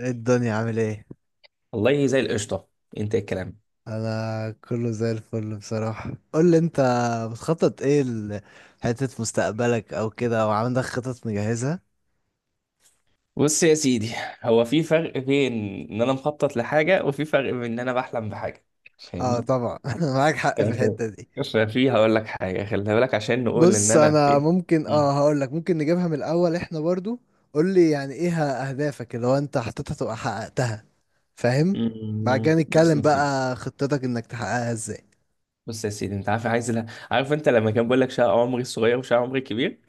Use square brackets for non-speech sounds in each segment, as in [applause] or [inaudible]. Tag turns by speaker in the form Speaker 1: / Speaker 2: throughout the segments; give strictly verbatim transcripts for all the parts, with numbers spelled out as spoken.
Speaker 1: إيه الدنيا عامل ايه؟
Speaker 2: والله زي القشطة. انت إيه الكلام؟
Speaker 1: انا كله زي الفل بصراحة، قول لي انت بتخطط ايه لحتة مستقبلك او كده، او عندك خطط مجهزة؟
Speaker 2: بص يا سيدي، هو في فرق بين ان انا مخطط لحاجة، وفي فرق بين ان انا بحلم بحاجة.
Speaker 1: اه
Speaker 2: فاهمني؟
Speaker 1: طبعا، [laughs] معاك حق
Speaker 2: ف-
Speaker 1: في الحتة دي.
Speaker 2: ففي هقول لك حاجة، خلي بالك، عشان نقول ان
Speaker 1: بص،
Speaker 2: انا
Speaker 1: انا
Speaker 2: في.
Speaker 1: ممكن
Speaker 2: مم.
Speaker 1: اه هقول لك ممكن نجيبها من الاول احنا برضو. قول لي يعني ايه اهدافك اللي هو انت حطيتها تبقى حققتها؟ فاهم. بعد كده
Speaker 2: مم. بص
Speaker 1: نتكلم
Speaker 2: يا سيدي
Speaker 1: بقى خطتك انك تحققها ازاي.
Speaker 2: بص يا سيدي انت عارف، عايز ل... عارف انت لما كان بيقول لك شقة عمري الصغير وشقة عمري الكبير؟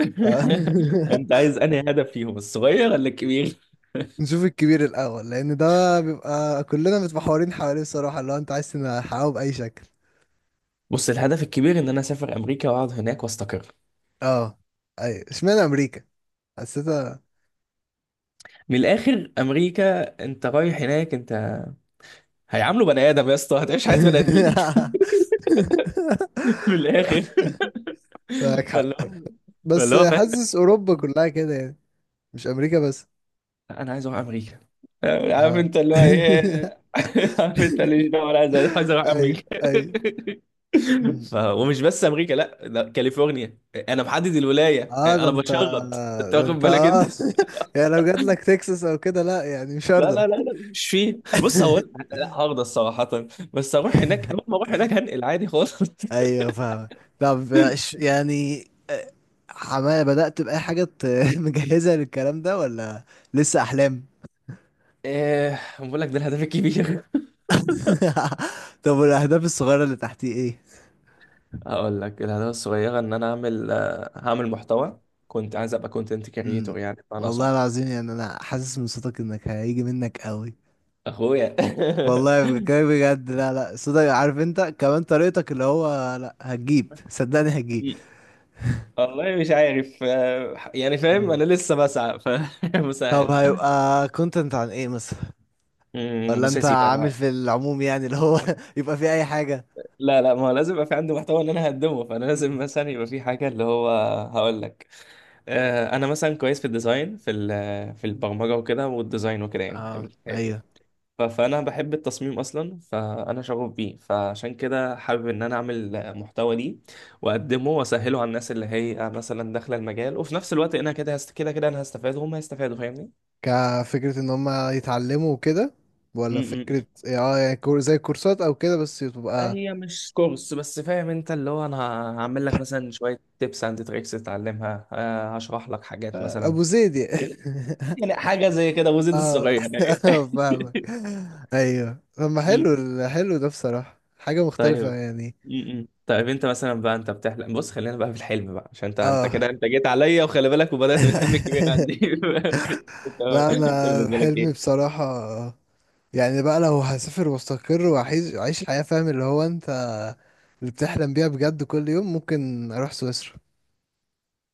Speaker 2: [laughs] انت
Speaker 1: [laughs]
Speaker 2: عايز انهي هدف فيهم، الصغير ولا الكبير؟
Speaker 1: نشوف الكبير الأول، لأن ده بيبقى كلنا متمحورين حواليه، الصراحة اللي هو أنت عايز تحققه بأي شكل.
Speaker 2: بص، الهدف الكبير ان انا اسافر امريكا واقعد هناك واستقر.
Speaker 1: اه. أيوة، اشمعنى أمريكا؟ حسيتها.
Speaker 2: من الاخر، امريكا، انت رايح هناك، انت هيعاملوا بني ادم يا اسطى، هتعيش حياه بني ادمين.
Speaker 1: [laughs]
Speaker 2: [laughs] من الاخر.
Speaker 1: معاك حق.
Speaker 2: فاللي هو
Speaker 1: بس
Speaker 2: فاللي هو فاهم،
Speaker 1: حاسس أوروبا كلها كده يعني، مش أمريكا بس.
Speaker 2: انا عايز اروح امريكا. آه، عارف
Speaker 1: اه
Speaker 2: انت اللي هو
Speaker 1: [laughs]
Speaker 2: ايه [laughs] عارف انت اللي هو انا عايز عايز اروح
Speaker 1: أيوة
Speaker 2: امريكا.
Speaker 1: أيوة.
Speaker 2: [laughs]
Speaker 1: مم.
Speaker 2: ف... ومش بس امريكا، لا، ده كاليفورنيا. انا محدد الولايه،
Speaker 1: اه، ده
Speaker 2: انا
Speaker 1: انت.
Speaker 2: بتشرط، انت
Speaker 1: ده
Speaker 2: واخد
Speaker 1: انت،
Speaker 2: بالك انت؟
Speaker 1: اه. [laughs] يعني لو جات لك تكساس او كده، لا يعني مش
Speaker 2: لا
Speaker 1: هرضى.
Speaker 2: لا لا لا، مش فيه، بص هو لا، لا، هرضى الصراحه. بس اروح هناك، اول
Speaker 1: [laughs]
Speaker 2: ما اروح هناك هنقل عادي خالص. [laughs]
Speaker 1: ايوه فاهم. طب إيش- يعني، آه، حماية بدأت بأي حاجة ت- [laughs] مجهزة للكلام ده ولا لسه أحلام؟
Speaker 2: ايه، بقول لك ده الهدف الكبير.
Speaker 1: [laughs] طب والأهداف الصغيرة اللي تحتي إيه؟
Speaker 2: هقول لك الهدف الصغيرة، إن أنا أعمل آه، هعمل محتوى. كنت عايز أبقى كونتنت
Speaker 1: مم.
Speaker 2: كريتور يعني، أنا
Speaker 1: والله
Speaker 2: صح؟
Speaker 1: العظيم يعني أنا حاسس من صوتك إنك هيجي منك قوي.
Speaker 2: أخويا.
Speaker 1: والله
Speaker 2: [laughs]
Speaker 1: بكلمك بجد، لا لا، صوتك، عارف أنت، كمان طريقتك اللي هو لا، هتجيب، صدقني هتجيب.
Speaker 2: مم. والله مش عارف، آه، يعني فاهم،
Speaker 1: مم.
Speaker 2: أنا لسه بسعى،
Speaker 1: طب
Speaker 2: فمسهل. [laughs]
Speaker 1: هيبقى كونتنت عن إيه مثلا؟
Speaker 2: أمم،
Speaker 1: ولا
Speaker 2: بص يا
Speaker 1: أنت
Speaker 2: سيدي
Speaker 1: عامل
Speaker 2: أنا،
Speaker 1: في العموم، يعني اللي هو [laughs] يبقى في أي حاجة؟
Speaker 2: لا لا، ما هو لازم يبقى في عندي محتوى إن أنا هقدمه، فأنا لازم مثلا يبقى في حاجة اللي هو، هقول لك، آه، أنا مثلا كويس في الديزاين، في ال- في البرمجة وكده، والديزاين وكده يعني،
Speaker 1: اه
Speaker 2: فاهم؟
Speaker 1: ايوه،
Speaker 2: ف- فانا بحب التصميم اصلا، فانا شغوف بيه، فعشان كده حابب ان انا اعمل محتوى ليه واقدمه واسهله على الناس اللي هي مثلا داخله المجال. وفي نفس الوقت انا كده هست... كده كده انا هستفاد وهم هيستفادوا، فاهمني؟
Speaker 1: كفكرة ان هم يتعلموا وكده،
Speaker 2: م-
Speaker 1: ولا
Speaker 2: م- م.
Speaker 1: فكرة إيه، اه يعني كور- زي كورسات او كده بس تبقى،
Speaker 2: هي مش كورس بس، فاهم انت اللي هو، انا ه- هعمل لك مثلا شويه تيبس اند تريكس تتعلمها، آه، هشرح لك حاجات
Speaker 1: آه،
Speaker 2: مثلا،
Speaker 1: ابو زيد يعني. [laughs]
Speaker 2: يعني حاجه زي كده وزيد
Speaker 1: اه
Speaker 2: الصغير.
Speaker 1: [laughs] فاهمك. ايوه، طب ما حلو
Speaker 2: [laughs]
Speaker 1: ال- حلو ده بصراحة، حاجة مختلفة
Speaker 2: طيب.
Speaker 1: يعني.
Speaker 2: م- م. طيب انت مثلا بقى، انت بتحلم، بص خلينا بقى في الحلم بقى، عشان انت انت كده،
Speaker 1: اه
Speaker 2: انت جيت عليا، وخلي بالك، وبدأت بالحلم الكبير
Speaker 1: [laughs]
Speaker 2: عندي. [laughs] انت،
Speaker 1: لا
Speaker 2: انت
Speaker 1: انا
Speaker 2: بالنسبه لك
Speaker 1: حلمي
Speaker 2: ايه؟
Speaker 1: بصراحة، يعني بقى لو هسافر واستقر واعيش أعيش الحياة، فاهم اللي هو انت اللي بتحلم بيها بجد كل يوم، ممكن اروح سويسرا.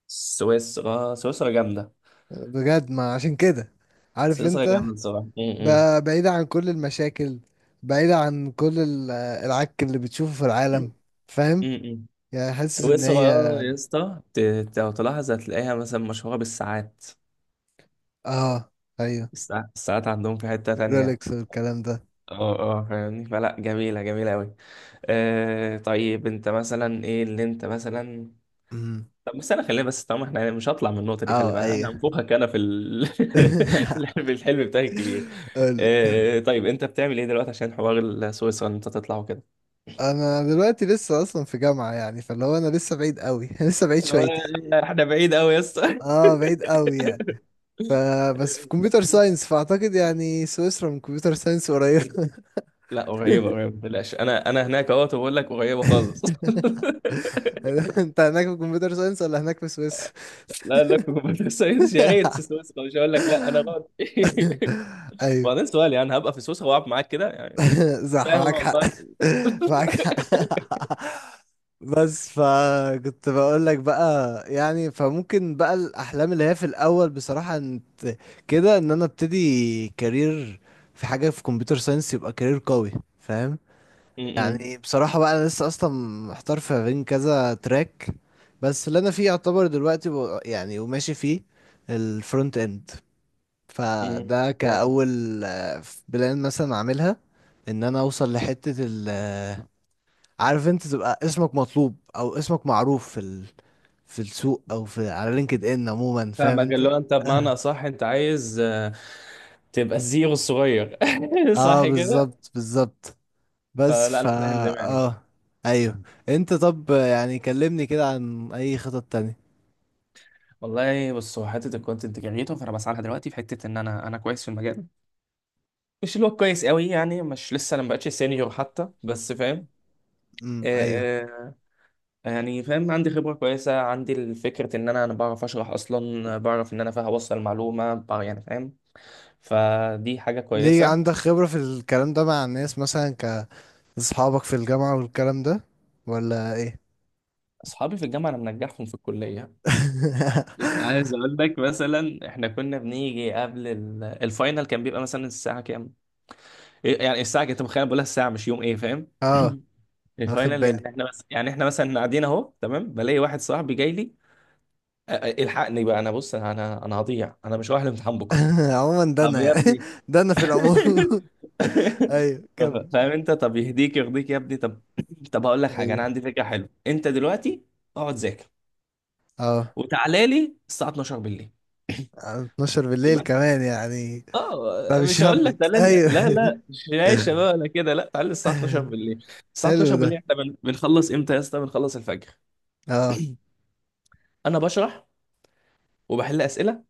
Speaker 2: سويسرا، سويسرا جامده.
Speaker 1: بجد، ما عشان كده، عارف
Speaker 2: سويسرا
Speaker 1: انت،
Speaker 2: جامده بصراحه. م- م.
Speaker 1: ب- بعيدة عن كل المشاكل، بعيدة عن كل ال- العك اللي بتشوفه في العالم، فاهم؟
Speaker 2: م- م.
Speaker 1: يعني حاسس ان هي.
Speaker 2: سويسرا يا اسطى، ت- ت- لو تلاحظ هتلاقيها مثلا مشهوره بالساعات.
Speaker 1: اه ايوه،
Speaker 2: الساعات الساعات عندهم في حته تانية.
Speaker 1: رولكس والكلام ده.
Speaker 2: اه اه، فاهمني، فلا جميله جميله قوي. آه، طيب انت مثلا ايه اللي انت مثلا،
Speaker 1: امم.
Speaker 2: طب بس انا خلينا بس طالما احنا يعني مش هطلع من النقطه دي، خلي
Speaker 1: اه
Speaker 2: بالك انا
Speaker 1: ايوه.
Speaker 2: هنفوخك، انا في ال... [laughs] في الحلم
Speaker 1: [laughs]
Speaker 2: في الحلم بتاعي الكبير.
Speaker 1: قولي.
Speaker 2: آه، طيب انت بتعمل ايه دلوقتي عشان حوار سويسرا ان انت تطلع وكده؟
Speaker 1: انا دلوقتي لسه اصلا في جامعة، يعني فاللي هو انا لسه بعيد قوي، [laughs] لسه بعيد
Speaker 2: هو
Speaker 1: شويتين.
Speaker 2: احنا بعيد قوي يا اسطى.
Speaker 1: اه، بعيد قوي يعني. فبس في كمبيوتر
Speaker 2: [laughs]
Speaker 1: ساينس، فاعتقد يعني سويسرا من كمبيوتر ساينس قريب.
Speaker 2: لا، قريبه قريبه ما تقلقش، انا انا هناك اهوت وبقول لك قريبه خالص. [laughs]
Speaker 1: [laughs] انت هناك في كمبيوتر ساينس ولا هناك في سويس؟ [laughs]
Speaker 2: لا، انا كنت في سويسرا، يا ريت في سويسرا، مش هقول لك، لا انا غلط. [laughs]
Speaker 1: ايوه
Speaker 2: وبعدين سؤال يعني، هبقى في سويسرا واقعد معاك كده يعني؟
Speaker 1: [laughs] صح،
Speaker 2: فاهم
Speaker 1: معاك حق.
Speaker 2: والله.
Speaker 1: [laughs] معاك
Speaker 2: [laughs]
Speaker 1: حق. [laughs] بس فكنت بقول لك بقى، يعني فممكن بقى الاحلام اللي هي في الاول بصراحة انت، كده ان انا ابتدي كارير في حاجة في كمبيوتر ساينس، يبقى كارير قوي، فاهم؟
Speaker 2: م-
Speaker 1: يعني بصراحة بقى أنا لسه أصلا محتار في بين كذا تراك. بس اللي أنا فيه يعتبر دلوقتي ب- يعني وماشي فيه، الفرونت إند.
Speaker 2: م-
Speaker 1: فده
Speaker 2: م.
Speaker 1: كأول آه، بلان مثلا أعملها، إن أنا أوصل لحتة ال عارف أنت، تبقى اسمك مطلوب أو اسمك معروف في ال في السوق أو في على لينكد إن عموما، فاهم
Speaker 2: فاهمك، اللي
Speaker 1: أنت؟
Speaker 2: هو انت بمعنى
Speaker 1: آه.
Speaker 2: صح، انت عايز، آه، تبقى الزيرو الصغير. [laughs]
Speaker 1: آه،
Speaker 2: صح كده؟
Speaker 1: بالظبط بالظبط. بس
Speaker 2: فلا انا
Speaker 1: فا
Speaker 2: فاهم دماغك.
Speaker 1: آه أيوه. أنت طب يعني كلمني كده عن أي خطط تانية.
Speaker 2: والله بص، هو حته الكونتنت جنريتور فانا بسعى لها دلوقتي، في حته ان انا انا كويس في المجال، مش اللي هو كويس قوي يعني، مش لسه، انا ما بقتش سينيور حتى، بس فاهم.
Speaker 1: امم ايوه.
Speaker 2: آه، آه، يعني فاهم، عندي خبره كويسه، عندي الفكره ان انا انا بعرف اشرح اصلا، بعرف ان انا فاهم اوصل معلومه بع- يعني فاهم. فدي حاجه
Speaker 1: ليه
Speaker 2: كويسه.
Speaker 1: عندك خبرة في الكلام ده مع الناس، مثلا ك اصحابك في الجامعة والكلام ده، ولا ايه؟
Speaker 2: اصحابي في الجامعه انا منجحهم في الكليه. يعني
Speaker 1: [laughs]
Speaker 2: عايز اقول لك، مثلا احنا كنا بنيجي قبل ال- الفاينل، كان بيبقى مثلا الساعه كام؟ إيه يعني الساعه، كنت متخيل بقولها الساعه مش يوم، ايه فاهم.
Speaker 1: اه،
Speaker 2: [clears throat]
Speaker 1: واخد
Speaker 2: الفاينل
Speaker 1: بالي.
Speaker 2: يعني احنا، بس يعني احنا مثلا قاعدين اهو تمام، بلاقي واحد صاحبي جاي لي، أ- أ- الحقني بقى انا، بص انا انا هضيع، انا مش رايح الامتحان بكره.
Speaker 1: [laughs] عموما ده
Speaker 2: طب
Speaker 1: انا
Speaker 2: يا
Speaker 1: يعني،
Speaker 2: ابني.
Speaker 1: [laughs] ده انا في العموم. [laughs] ايوه كمل.
Speaker 2: [laughs] فاهم انت، طب يهديك يرضيك يا ابني، طب. طب هقول لك حاجه،
Speaker 1: ايوه.
Speaker 2: انا عندي فكره حلوه، انت دلوقتي اقعد ذاكر
Speaker 1: اه.
Speaker 2: وتعالى لي الساعه اتناشر بالليل.
Speaker 1: اتناشر بالليل
Speaker 2: [clears throat]
Speaker 1: كمان يعني؟
Speaker 2: اه،
Speaker 1: فمش
Speaker 2: مش هقول لك
Speaker 1: همك،
Speaker 2: تعالى لا
Speaker 1: ايوه.
Speaker 2: لا لا، مش يا شباب انا كده، لا تعالى الساعه اتناشر
Speaker 1: [laughs]
Speaker 2: بالليل. الساعه
Speaker 1: حلو
Speaker 2: اتناشر بالليل
Speaker 1: ده.
Speaker 2: احنا بن- بنخلص امتى يا اسطى؟ بنخلص الفجر.
Speaker 1: اه.
Speaker 2: انا بشرح، وبحل اسئله،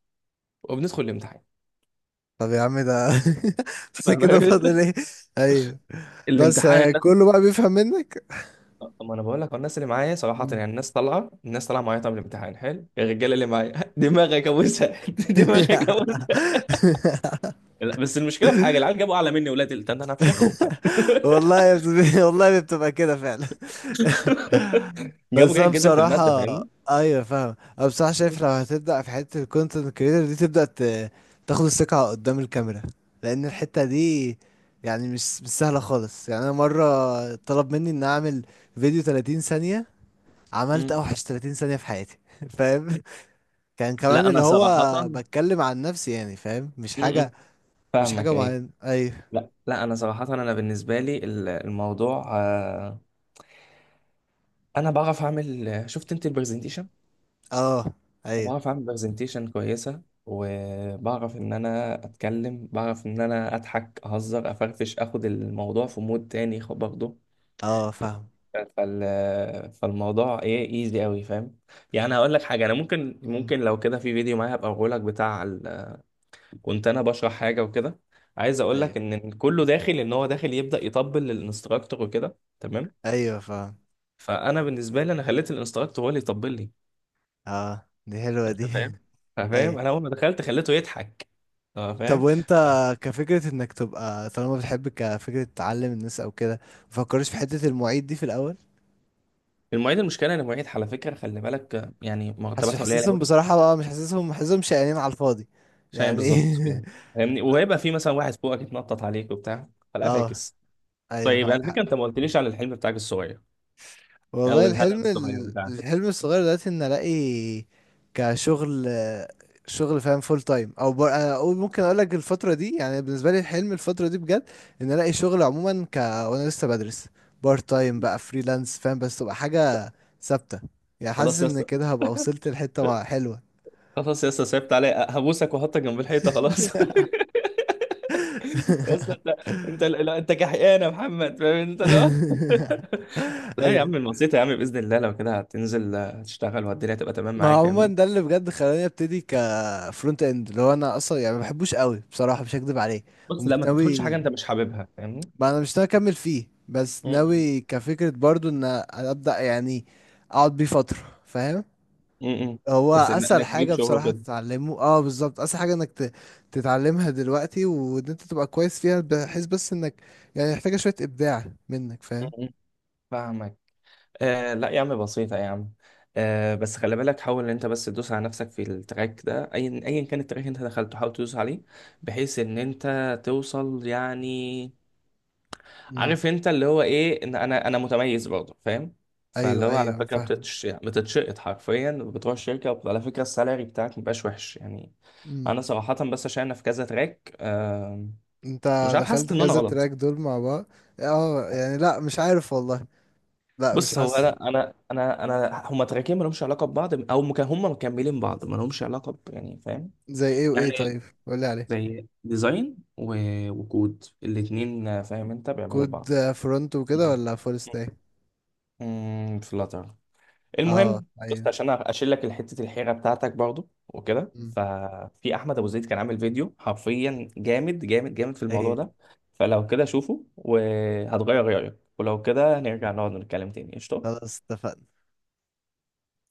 Speaker 2: وبندخل الامتحان.
Speaker 1: طب يا عم ده، [laughs] بس
Speaker 2: فاهم
Speaker 1: كده
Speaker 2: أنت؟
Speaker 1: فاضل ايه؟ ايوه. بس
Speaker 2: الامتحان
Speaker 1: يعني
Speaker 2: الناس،
Speaker 1: كله بقى بيفهم منك.
Speaker 2: طب ما انا بقول لك، هو الناس اللي معايا صراحه، يعني الناس طالعه، الناس طالعه معايا، طب الامتحان حلو، الرجاله اللي معايا [laughs] دماغك ابوسها، [laughs] دماغك ابوسها.
Speaker 1: [laughs]
Speaker 2: لا، بس المشكله في حاجه، العيال جابوا اعلى مني، ولاد التاني انا هفشخهم.
Speaker 1: والله بتبقى والله بتبقى كده فعلا. [laughs]
Speaker 2: [laughs] جابوا
Speaker 1: بس انا
Speaker 2: جيد جدا في الماده،
Speaker 1: بصراحة.
Speaker 2: فاهمني.
Speaker 1: ايوه فاهم. انا بصراحة شايف لو هتبدأ في حتة الكونتنت كريتور دي، تبدأ ت- تاخد الثقة قدام الكاميرا، لان الحتة دي يعني مش مش سهلة خالص. يعني انا مرة طلب مني ان اعمل فيديو ثلاثين ثانية، عملت
Speaker 2: مم.
Speaker 1: اوحش ثلاثين ثانية في حياتي. [laughs] فاهم؟ كان كمان
Speaker 2: لا
Speaker 1: اللي
Speaker 2: انا
Speaker 1: هو،
Speaker 2: صراحه.
Speaker 1: بتكلم عن نفسي يعني، فاهم، مش
Speaker 2: مم.
Speaker 1: حاجة، مش
Speaker 2: فاهمك
Speaker 1: حاجة
Speaker 2: ايه.
Speaker 1: معينة. ايوه.
Speaker 2: لا لا، انا صراحه انا بالنسبه لي ال- الموضوع، آه، انا بعرف اعمل، شفت انت البرزنتيشن،
Speaker 1: اه ايوه.
Speaker 2: بعرف اعمل برزنتيشن كويسه، وبعرف ان انا اتكلم، بعرف ان انا اضحك اهزر افرفش اخد الموضوع في مود تاني خ- برضه.
Speaker 1: اه فاهم.
Speaker 2: ف- فال... فالموضوع ايه، ايزي قوي فاهم. يعني هقول لك حاجه، انا ممكن،
Speaker 1: مم.
Speaker 2: ممكن لو كده في فيديو معايا هبقى اقول لك بتاع ال. كنت انا بشرح حاجه وكده، عايز اقول
Speaker 1: ايوه
Speaker 2: لك ان كله داخل، ان هو داخل يبدا يطبل للانستراكتور وكده، تمام.
Speaker 1: ايوه فاهم.
Speaker 2: فانا بالنسبه لي انا خليت الانستراكتور هو اللي يطبل لي.
Speaker 1: اه دي حلوة
Speaker 2: انت
Speaker 1: دي.
Speaker 2: فاهم؟
Speaker 1: [laughs]
Speaker 2: فاهم،
Speaker 1: ايوه
Speaker 2: انا اول ما دخلت خليته يضحك. أه
Speaker 1: طب
Speaker 2: فاهم.
Speaker 1: وانت،
Speaker 2: ف-
Speaker 1: كفكرة انك تبقى طالما بتحب كفكرة تعلم الناس او كده، مفكرش في حتة المعيد دي في الاول؟
Speaker 2: المعيد، المشكله ان المعيد على فكره خلي بالك، آه، يعني
Speaker 1: حاسس
Speaker 2: مرتباتها قليله قوي.
Speaker 1: حاسسهم بصراحة بقى، مش حاسسهم، حاسسهم شقيانين على الفاضي
Speaker 2: شايف
Speaker 1: يعني.
Speaker 2: بالظبط كده، فاهمني، وهيبقى في مثلا واحد فوقك يتنطط عليك وبتاع،
Speaker 1: [laughs]
Speaker 2: فلا
Speaker 1: اه
Speaker 2: فاكس.
Speaker 1: ايوه،
Speaker 2: طيب على
Speaker 1: معاك.
Speaker 2: فكره انت ما قلتليش عن الحلم بتاعك الصغير، او
Speaker 1: والله
Speaker 2: الهدف
Speaker 1: الحلم
Speaker 2: الصغير
Speaker 1: ال-
Speaker 2: بتاعك.
Speaker 1: الحلم الصغير دلوقتي ان الاقي كشغل، شغل فاهم، فول تايم او بر... اقول ممكن اقول لك الفتره دي، يعني بالنسبه لي الحلم الفتره دي بجد، ان الاقي شغل عموما ك وانا لسه بدرس بارت تايم بقى فريلانس، فاهم؟ بس تبقى حاجه ثابته، يعني حاسس
Speaker 2: خلاص يا
Speaker 1: ان
Speaker 2: اسطى،
Speaker 1: كده هبقى وصلت لحته مع- حلوه.
Speaker 2: خلاص يا اسطى سيبت عليا، هبوسك وأحطك جنب الحيطه خلاص. [laughs] يا اسطى انت، انت لا، انت كحيان يا محمد، فاهم انت؟ لا
Speaker 1: [laughs]
Speaker 2: لا يا
Speaker 1: ايوه،
Speaker 2: عم، الوسيطة يا عم، بإذن الله لو كده هتنزل، آه، تشتغل والدنيا تبقى تمام
Speaker 1: ما
Speaker 2: معاك،
Speaker 1: عموما
Speaker 2: فاهمني.
Speaker 1: ده اللي بجد خلاني ابتدي كفرونت اند، اللي هو انا اصلا يعني ما بحبوش قوي بصراحه، مش هكدب عليه.
Speaker 2: بص
Speaker 1: ومش
Speaker 2: لا، ما تدخلش حاجة
Speaker 1: ناوي،
Speaker 2: أنت مش حاببها، فاهمني.
Speaker 1: ما انا مش ناوي اكمل فيه، بس
Speaker 2: م-م.
Speaker 1: ناوي كفكرة برضو ان ابدأ يعني، اقعد بيه فترة، فاهم؟
Speaker 2: م-م.
Speaker 1: هو
Speaker 2: بس إن-
Speaker 1: اسهل
Speaker 2: إنك تجيب
Speaker 1: حاجة
Speaker 2: شغل
Speaker 1: بصراحة
Speaker 2: وكده.
Speaker 1: تتعلمه. اه، بالظبط، اسهل حاجة انك ت- تتعلمها دلوقتي وان انت تبقى كويس فيها، بحيث بس انك يعني محتاجة شوية ابداع منك، فاهم؟
Speaker 2: م-م. فاهمك. آه لا يا عم بسيطة يا عم. آه بس خلي بالك، حاول إن أنت بس تدوس على نفسك في التراك ده، أيا أيا كان التراك اللي أنت دخلته حاول تدوس عليه بحيث إن أنت توصل يعني،
Speaker 1: امم
Speaker 2: عارف انت اللي هو ايه، ان انا انا متميز برضه فاهم. فاللي
Speaker 1: ايوه.
Speaker 2: هو على
Speaker 1: ايوه
Speaker 2: فكره
Speaker 1: فاهم.
Speaker 2: بتتش... يعني بتتشقط حرفيا، بتروح الشركه على فكره السالري بتاعك مبقاش وحش يعني. انا
Speaker 1: امم
Speaker 2: صراحه بس عشان انا في كذا تراك، آم، مش
Speaker 1: انت
Speaker 2: عارف، حاسس
Speaker 1: دخلت
Speaker 2: ان انا
Speaker 1: كذا تراك
Speaker 2: غلط.
Speaker 1: دول مع بعض. اه يعني، لا مش عارف والله. لا مش
Speaker 2: بص، هو
Speaker 1: حاسس.
Speaker 2: انا انا انا انا هما تراكين ما لهمش علاقه ببعض، او مك... هما مكملين بعض ما لهمش علاقه ب، يعني فاهم.
Speaker 1: زي ايه وايه،
Speaker 2: يعني
Speaker 1: طيب قولي عليه.
Speaker 2: زي ديزاين و، وكود، الاتنين آه، فاهم انت بيعملوا
Speaker 1: كود
Speaker 2: بعض.
Speaker 1: فرونت وكده، ولا فول ستاك؟
Speaker 2: امم، فلاتر،
Speaker 1: اه
Speaker 2: المهم، بص
Speaker 1: ايوه.
Speaker 2: عشان اشيل لك حته الحيره بتاعتك برضو وكده،
Speaker 1: مم.
Speaker 2: ففي احمد ابو زيد كان عامل فيديو حرفيا جامد جامد جامد في الموضوع
Speaker 1: ايوه
Speaker 2: ده، فلو كده شوفه وهتغير رايك، ولو كده نرجع نقعد نتكلم تاني، قشطه.
Speaker 1: خلاص اتفقنا.